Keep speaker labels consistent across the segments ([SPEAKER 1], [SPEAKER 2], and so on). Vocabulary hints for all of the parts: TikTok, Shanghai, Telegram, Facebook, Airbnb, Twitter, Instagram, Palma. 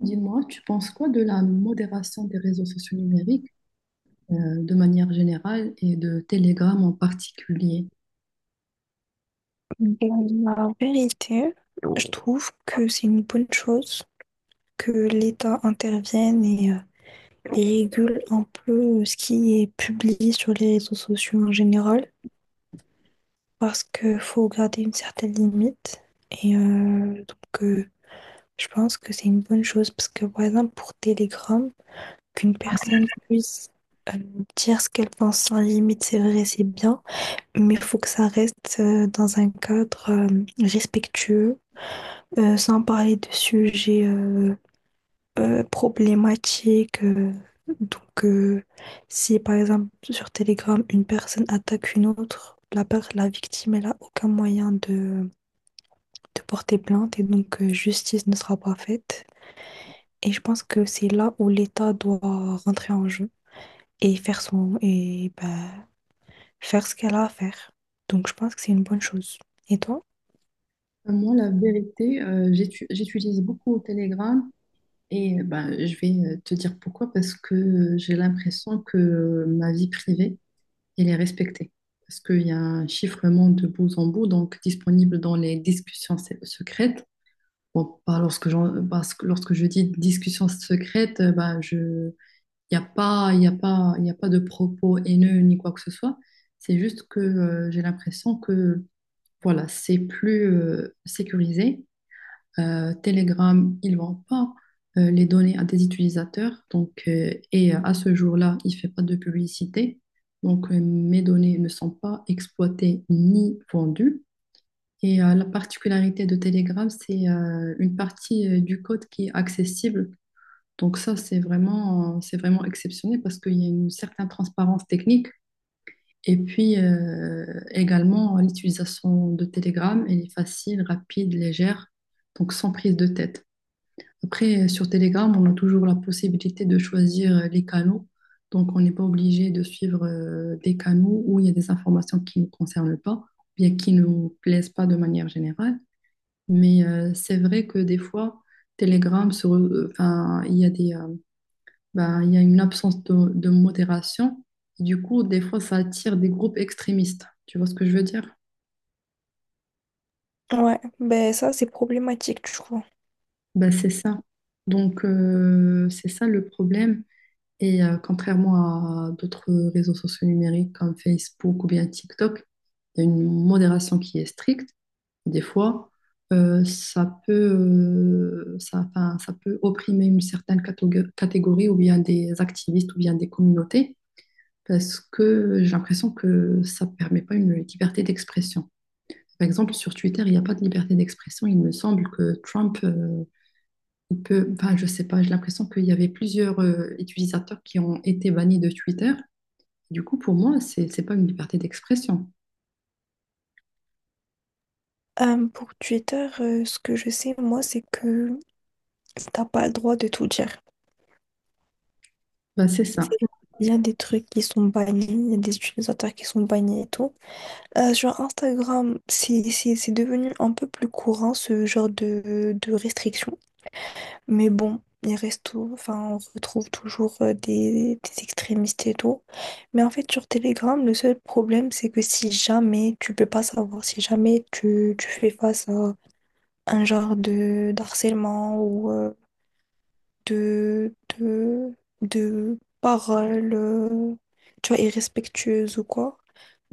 [SPEAKER 1] Dis-moi, tu penses quoi de la modération des réseaux sociaux numériques euh, de manière générale et de Telegram en particulier?
[SPEAKER 2] Ben, la vérité, je trouve que c'est une bonne chose que l'État intervienne et régule un peu ce qui est publié sur les réseaux sociaux en général, parce qu'il faut garder une certaine limite. Et euh, donc, euh, je pense que c'est une bonne chose, parce que par exemple, pour Telegram, qu'une personne puisse euh, dire ce qu'elle pense sans limite, c'est vrai, c'est bien. Mais il faut que ça reste dans un cadre respectueux, sans parler de sujets problématiques. Donc, si par exemple sur Telegram, une personne attaque une autre, la victime, elle n'a aucun moyen de porter plainte et donc justice ne sera pas faite. Et je pense que c'est là où l'État doit rentrer en jeu et faire son, et, bah, faire ce qu'elle a à faire. Donc, je pense que c'est une bonne chose. Et toi?
[SPEAKER 1] Moi, la vérité, j'utilise beaucoup Telegram et ben, je vais te dire pourquoi, parce que j'ai l'impression que ma vie privée, elle est respectée. Parce qu'il y a un chiffrement de bout en bout, donc disponible dans les discussions secrètes. Bon, pas lorsque, parce que lorsque je dis discussions secrètes, ben, je Il n'y a pas, il y a pas, il y a pas de propos haineux ni quoi que ce soit. C'est juste que j'ai l'impression que voilà, c'est plus sécurisé. Telegram, ils ne vendent pas les données à des utilisateurs. Donc, et à ce jour-là, il ne fait pas de publicité. Donc, mes données ne sont pas exploitées ni vendues. Et la particularité de Telegram, c'est une partie du code qui est accessible donc ça, c'est vraiment exceptionnel parce qu'il y a une certaine transparence technique. Et puis également, l'utilisation de Telegram, elle est facile, rapide, légère, donc sans prise de tête. Après, sur Telegram, on a toujours la possibilité de choisir les canaux. Donc, on n'est pas obligé de suivre des canaux où il y a des informations qui ne nous concernent pas, bien qui ne nous plaisent pas de manière générale. Mais c'est vrai que des fois, Telegram, enfin, il y a une absence de modération. Du coup, des fois, ça attire des groupes extrémistes. Tu vois ce que je veux dire?
[SPEAKER 2] Ouais, ben ça c'est problématique, je trouve.
[SPEAKER 1] Bah, c'est ça. Donc, c'est ça le problème. Et contrairement à d'autres réseaux sociaux numériques comme Facebook ou bien TikTok, il y a une modération qui est stricte. Des fois, enfin, ça peut opprimer une certaine catégorie ou bien des activistes ou bien des communautés. Parce que j'ai l'impression que ça ne permet pas une liberté d'expression. Par exemple, sur Twitter, il n'y a pas de liberté d'expression. Il me semble que Trump, il peut, enfin, je ne sais pas, j'ai l'impression qu'il y avait plusieurs utilisateurs qui ont été bannis de Twitter. Du coup, pour moi, c'est pas une liberté d'expression.
[SPEAKER 2] Pour Twitter, ce que je sais, moi, c'est que t'as pas le droit de tout dire.
[SPEAKER 1] Ben, c'est ça.
[SPEAKER 2] C'est- Il y a des trucs qui sont bannis, il y a des utilisateurs qui sont bannis et tout. Sur Instagram, c'est devenu un peu plus courant ce genre de restrictions. Mais bon, il reste tout. Enfin, on retrouve toujours des extrémistes et tout. Mais en fait, sur Telegram, le seul problème, c'est que si jamais tu peux pas savoir, si jamais tu fais face à un genre de d'harcèlement ou de, de, de paroles, tu vois, irrespectueuses ou quoi,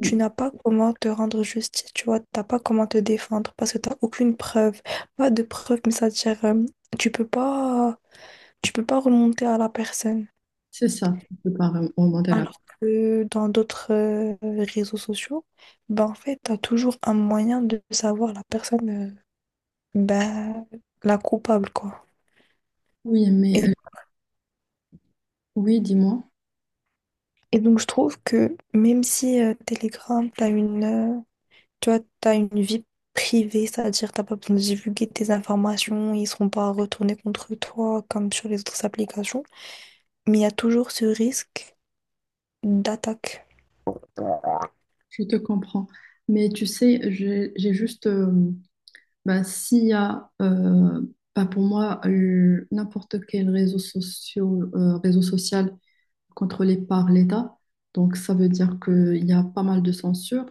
[SPEAKER 2] tu n'as pas comment te rendre justice, tu vois, t'as pas comment te défendre parce que t'as aucune preuve, pas de preuve, mais c'est-à-dire, tu peux pas, tu peux pas remonter à la personne.
[SPEAKER 1] c'est ça. Je ne peux pas remonter là.
[SPEAKER 2] Alors que dans d'autres réseaux sociaux, ben en fait, t'as toujours un moyen de savoir la personne, ben, la coupable, quoi.
[SPEAKER 1] Oui, mais
[SPEAKER 2] Et
[SPEAKER 1] oui, dis-moi,
[SPEAKER 2] Et donc, je trouve que même si Telegram, tu vois, t'as une vie privée, c'est-à-dire t'as pas besoin de divulguer tes informations, ils seront pas retournés contre toi comme sur les autres applications, mais il y a toujours ce risque d'attaque.
[SPEAKER 1] je te comprends. Mais tu sais, j'ai juste ben, s'il y a, ben, pour moi, n'importe quel réseau social, réseau social contrôlé par l'État, donc ça veut dire qu'il y a pas mal de censure,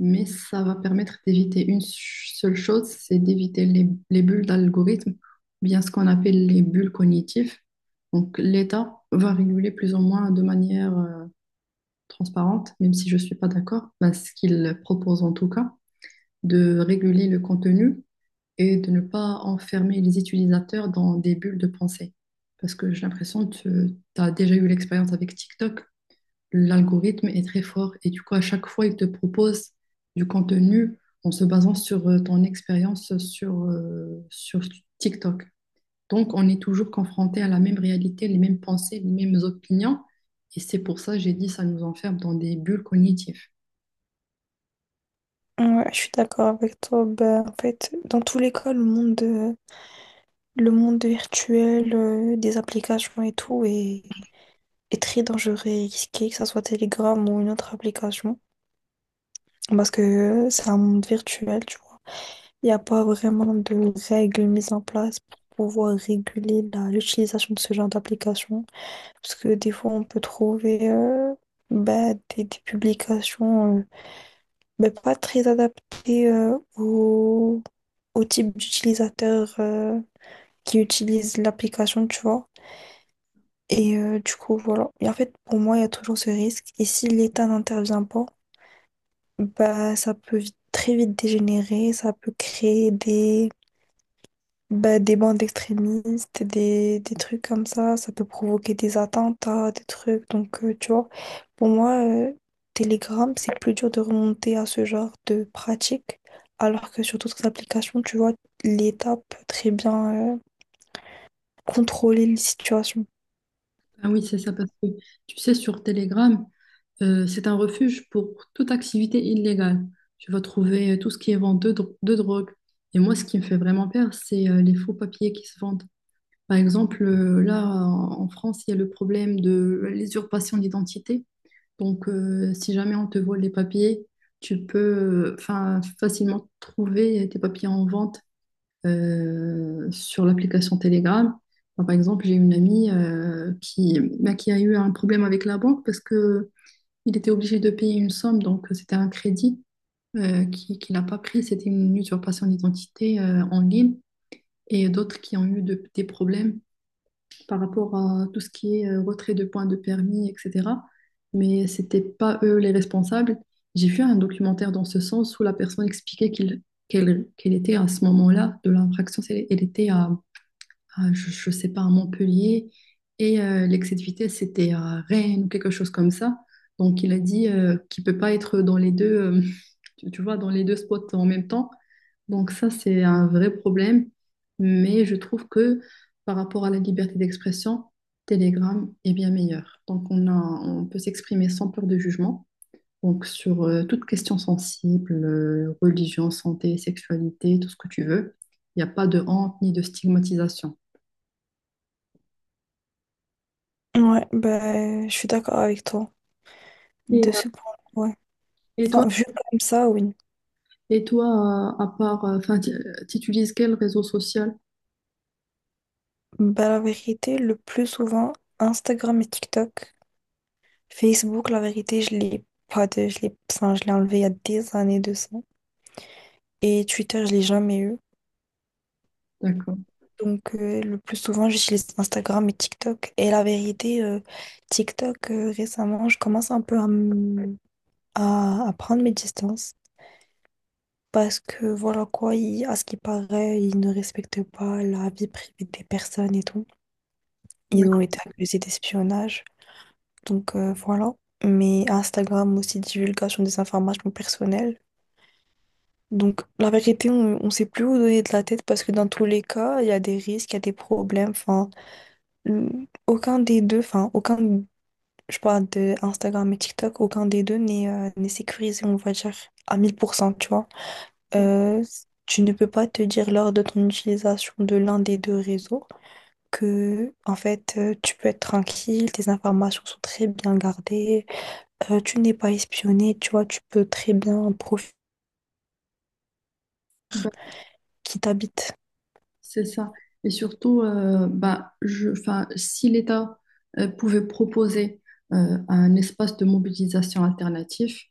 [SPEAKER 1] mais ça va permettre d'éviter une seule chose, c'est d'éviter les bulles d'algorithmes, ou bien ce qu'on appelle les bulles cognitives. Donc l'État va réguler plus ou moins de manière transparente, même si je ne suis pas d'accord, ben, ce qu'il propose en tout cas, de réguler le contenu et de ne pas enfermer les utilisateurs dans des bulles de pensée. Parce que j'ai l'impression que tu as déjà eu l'expérience avec TikTok, l'algorithme est très fort et du coup, à chaque fois, il te propose du contenu en se basant sur ton expérience sur TikTok. Donc, on est toujours confronté à la même réalité, les mêmes pensées, les mêmes opinions. Et c'est pour ça, j'ai dit, ça nous enferme dans des bulles cognitives.
[SPEAKER 2] Ouais, je suis d'accord avec toi. Ben, en fait, dans tous les cas, le monde virtuel, des applications et est très dangereux et risqué, que ça soit Telegram ou une autre application, parce que c'est un monde virtuel, tu vois. Il n'y a pas vraiment de règles mises en place pour pouvoir réguler l'utilisation de ce genre d'application. Parce que des fois, on peut trouver des publications pas très adaptées au type d'utilisateur qui utilise l'application, tu vois. Et du coup, voilà. Et en fait, pour moi, il y a toujours ce risque. Et si l'État n'intervient pas, bah, ça peut très vite dégénérer, ça peut créer des bandes extrémistes, des trucs comme ça peut provoquer des attentats, des trucs. Donc, tu vois, pour moi, Telegram, c'est plus dur de remonter à ce genre de pratique, alors que sur d'autres applications, tu vois, l'État peut très bien contrôler les situations.
[SPEAKER 1] Ah oui, c'est ça, parce que tu sais, sur Telegram, c'est un refuge pour toute activité illégale. Tu vas trouver tout ce qui est vente de drogue. Et moi, ce qui me fait vraiment peur, c'est les faux papiers qui se vendent. Par exemple, là, en France, il y a le problème de l'usurpation d'identité. Donc, si jamais on te vole les papiers, tu peux enfin, facilement trouver tes papiers en vente sur l'application Telegram. Moi, par exemple, j'ai une amie qui, bah, qui a eu un problème avec la banque parce que il était obligé de payer une somme, donc c'était un crédit qu'il n'a pas pris. C'était une usurpation d'identité en ligne et d'autres qui ont eu des problèmes par rapport à tout ce qui est retrait de points de permis, etc. Mais c'était pas eux les responsables. J'ai vu un documentaire dans ce sens où la personne expliquait qu'il, qu'elle était à ce moment-là de l'infraction, elle était à je ne sais pas, à Montpellier. Et l'excès de vitesse, c'était à Rennes ou quelque chose comme ça. Donc, il a dit qu'il ne peut pas être dans les deux, tu vois, dans les deux spots en même temps. Donc, ça, c'est un vrai problème. Mais je trouve que par rapport à la liberté d'expression, Telegram est bien meilleur. Donc, on a, on peut s'exprimer sans peur de jugement. Donc, sur toute question sensible, religion, santé, sexualité, tout ce que tu veux, il n'y a pas de honte ni de stigmatisation.
[SPEAKER 2] Ouais, bah, je suis d'accord avec toi.
[SPEAKER 1] Et
[SPEAKER 2] De ce point, ouais.
[SPEAKER 1] Et toi,
[SPEAKER 2] Enfin, vu comme ça, oui.
[SPEAKER 1] et toi, à part, enfin, tu utilises quel réseau social?
[SPEAKER 2] Bah, la vérité, le plus souvent, Instagram et TikTok. Facebook, la vérité, je l'ai pas de, je l'ai, enfin, je l'ai enlevé il y a des années de ça. Et Twitter, je l'ai jamais eu.
[SPEAKER 1] D'accord.
[SPEAKER 2] Donc, le plus souvent, j'utilise Instagram et TikTok. Et la vérité, TikTok, récemment, je commence un peu à prendre mes distances. Parce que, voilà quoi, à ce qui paraît, ils ne respectent pas la vie privée des personnes et tout.
[SPEAKER 1] Oui,
[SPEAKER 2] Ils ont été accusés d'espionnage. Donc, voilà. Mais Instagram aussi, divulgation des informations personnelles. Donc, la vérité, on ne sait plus où donner de la tête parce que dans tous les cas, il y a des risques, il y a des problèmes. Enfin, aucun des deux, enfin, aucun, je parle de Instagram et TikTok, aucun des deux n'est sécurisé, on va dire, à 1000%, tu vois.
[SPEAKER 1] c'est ça.
[SPEAKER 2] Euh, Tu ne peux pas te dire lors de ton utilisation de l'un des deux réseaux que, en fait, tu peux être tranquille, tes informations sont très bien gardées, tu n'es pas espionné, tu vois, tu peux très bien profiter
[SPEAKER 1] Bah,
[SPEAKER 2] qui t'habite.
[SPEAKER 1] c'est ça. Et surtout, bah, je, enfin, si l'État pouvait proposer un espace de mobilisation alternatif,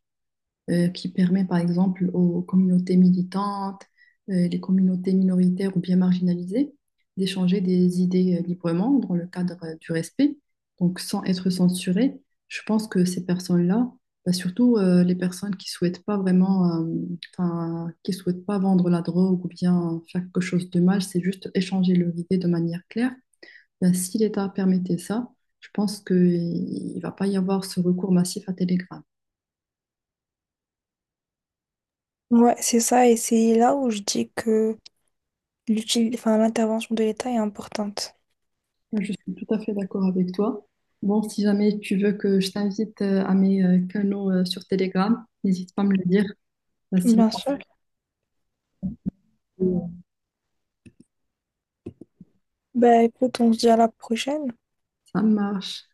[SPEAKER 1] qui permet par exemple aux communautés militantes, les communautés minoritaires ou bien marginalisées d'échanger des idées librement dans le cadre du respect, donc sans être censurées. Je pense que ces personnes-là, bah, surtout les personnes qui souhaitent pas vraiment, enfin, qui souhaitent pas vendre la drogue ou bien faire quelque chose de mal, c'est juste échanger leurs idées de manière claire. Ben, si l'État permettait ça, je pense qu'il ne va pas y avoir ce recours massif à Telegram.
[SPEAKER 2] Ouais, c'est ça, et c'est là où je dis que l'util... enfin, l'intervention de l'État est importante.
[SPEAKER 1] Je suis tout à fait d'accord avec toi. Bon, si jamais tu veux que je t'invite à mes canaux sur Telegram, n'hésite pas à me le dire. Bah, sinon,
[SPEAKER 2] Bien sûr. Fait.
[SPEAKER 1] euh,
[SPEAKER 2] Ben écoute, on se dit à la prochaine.
[SPEAKER 1] ça marche.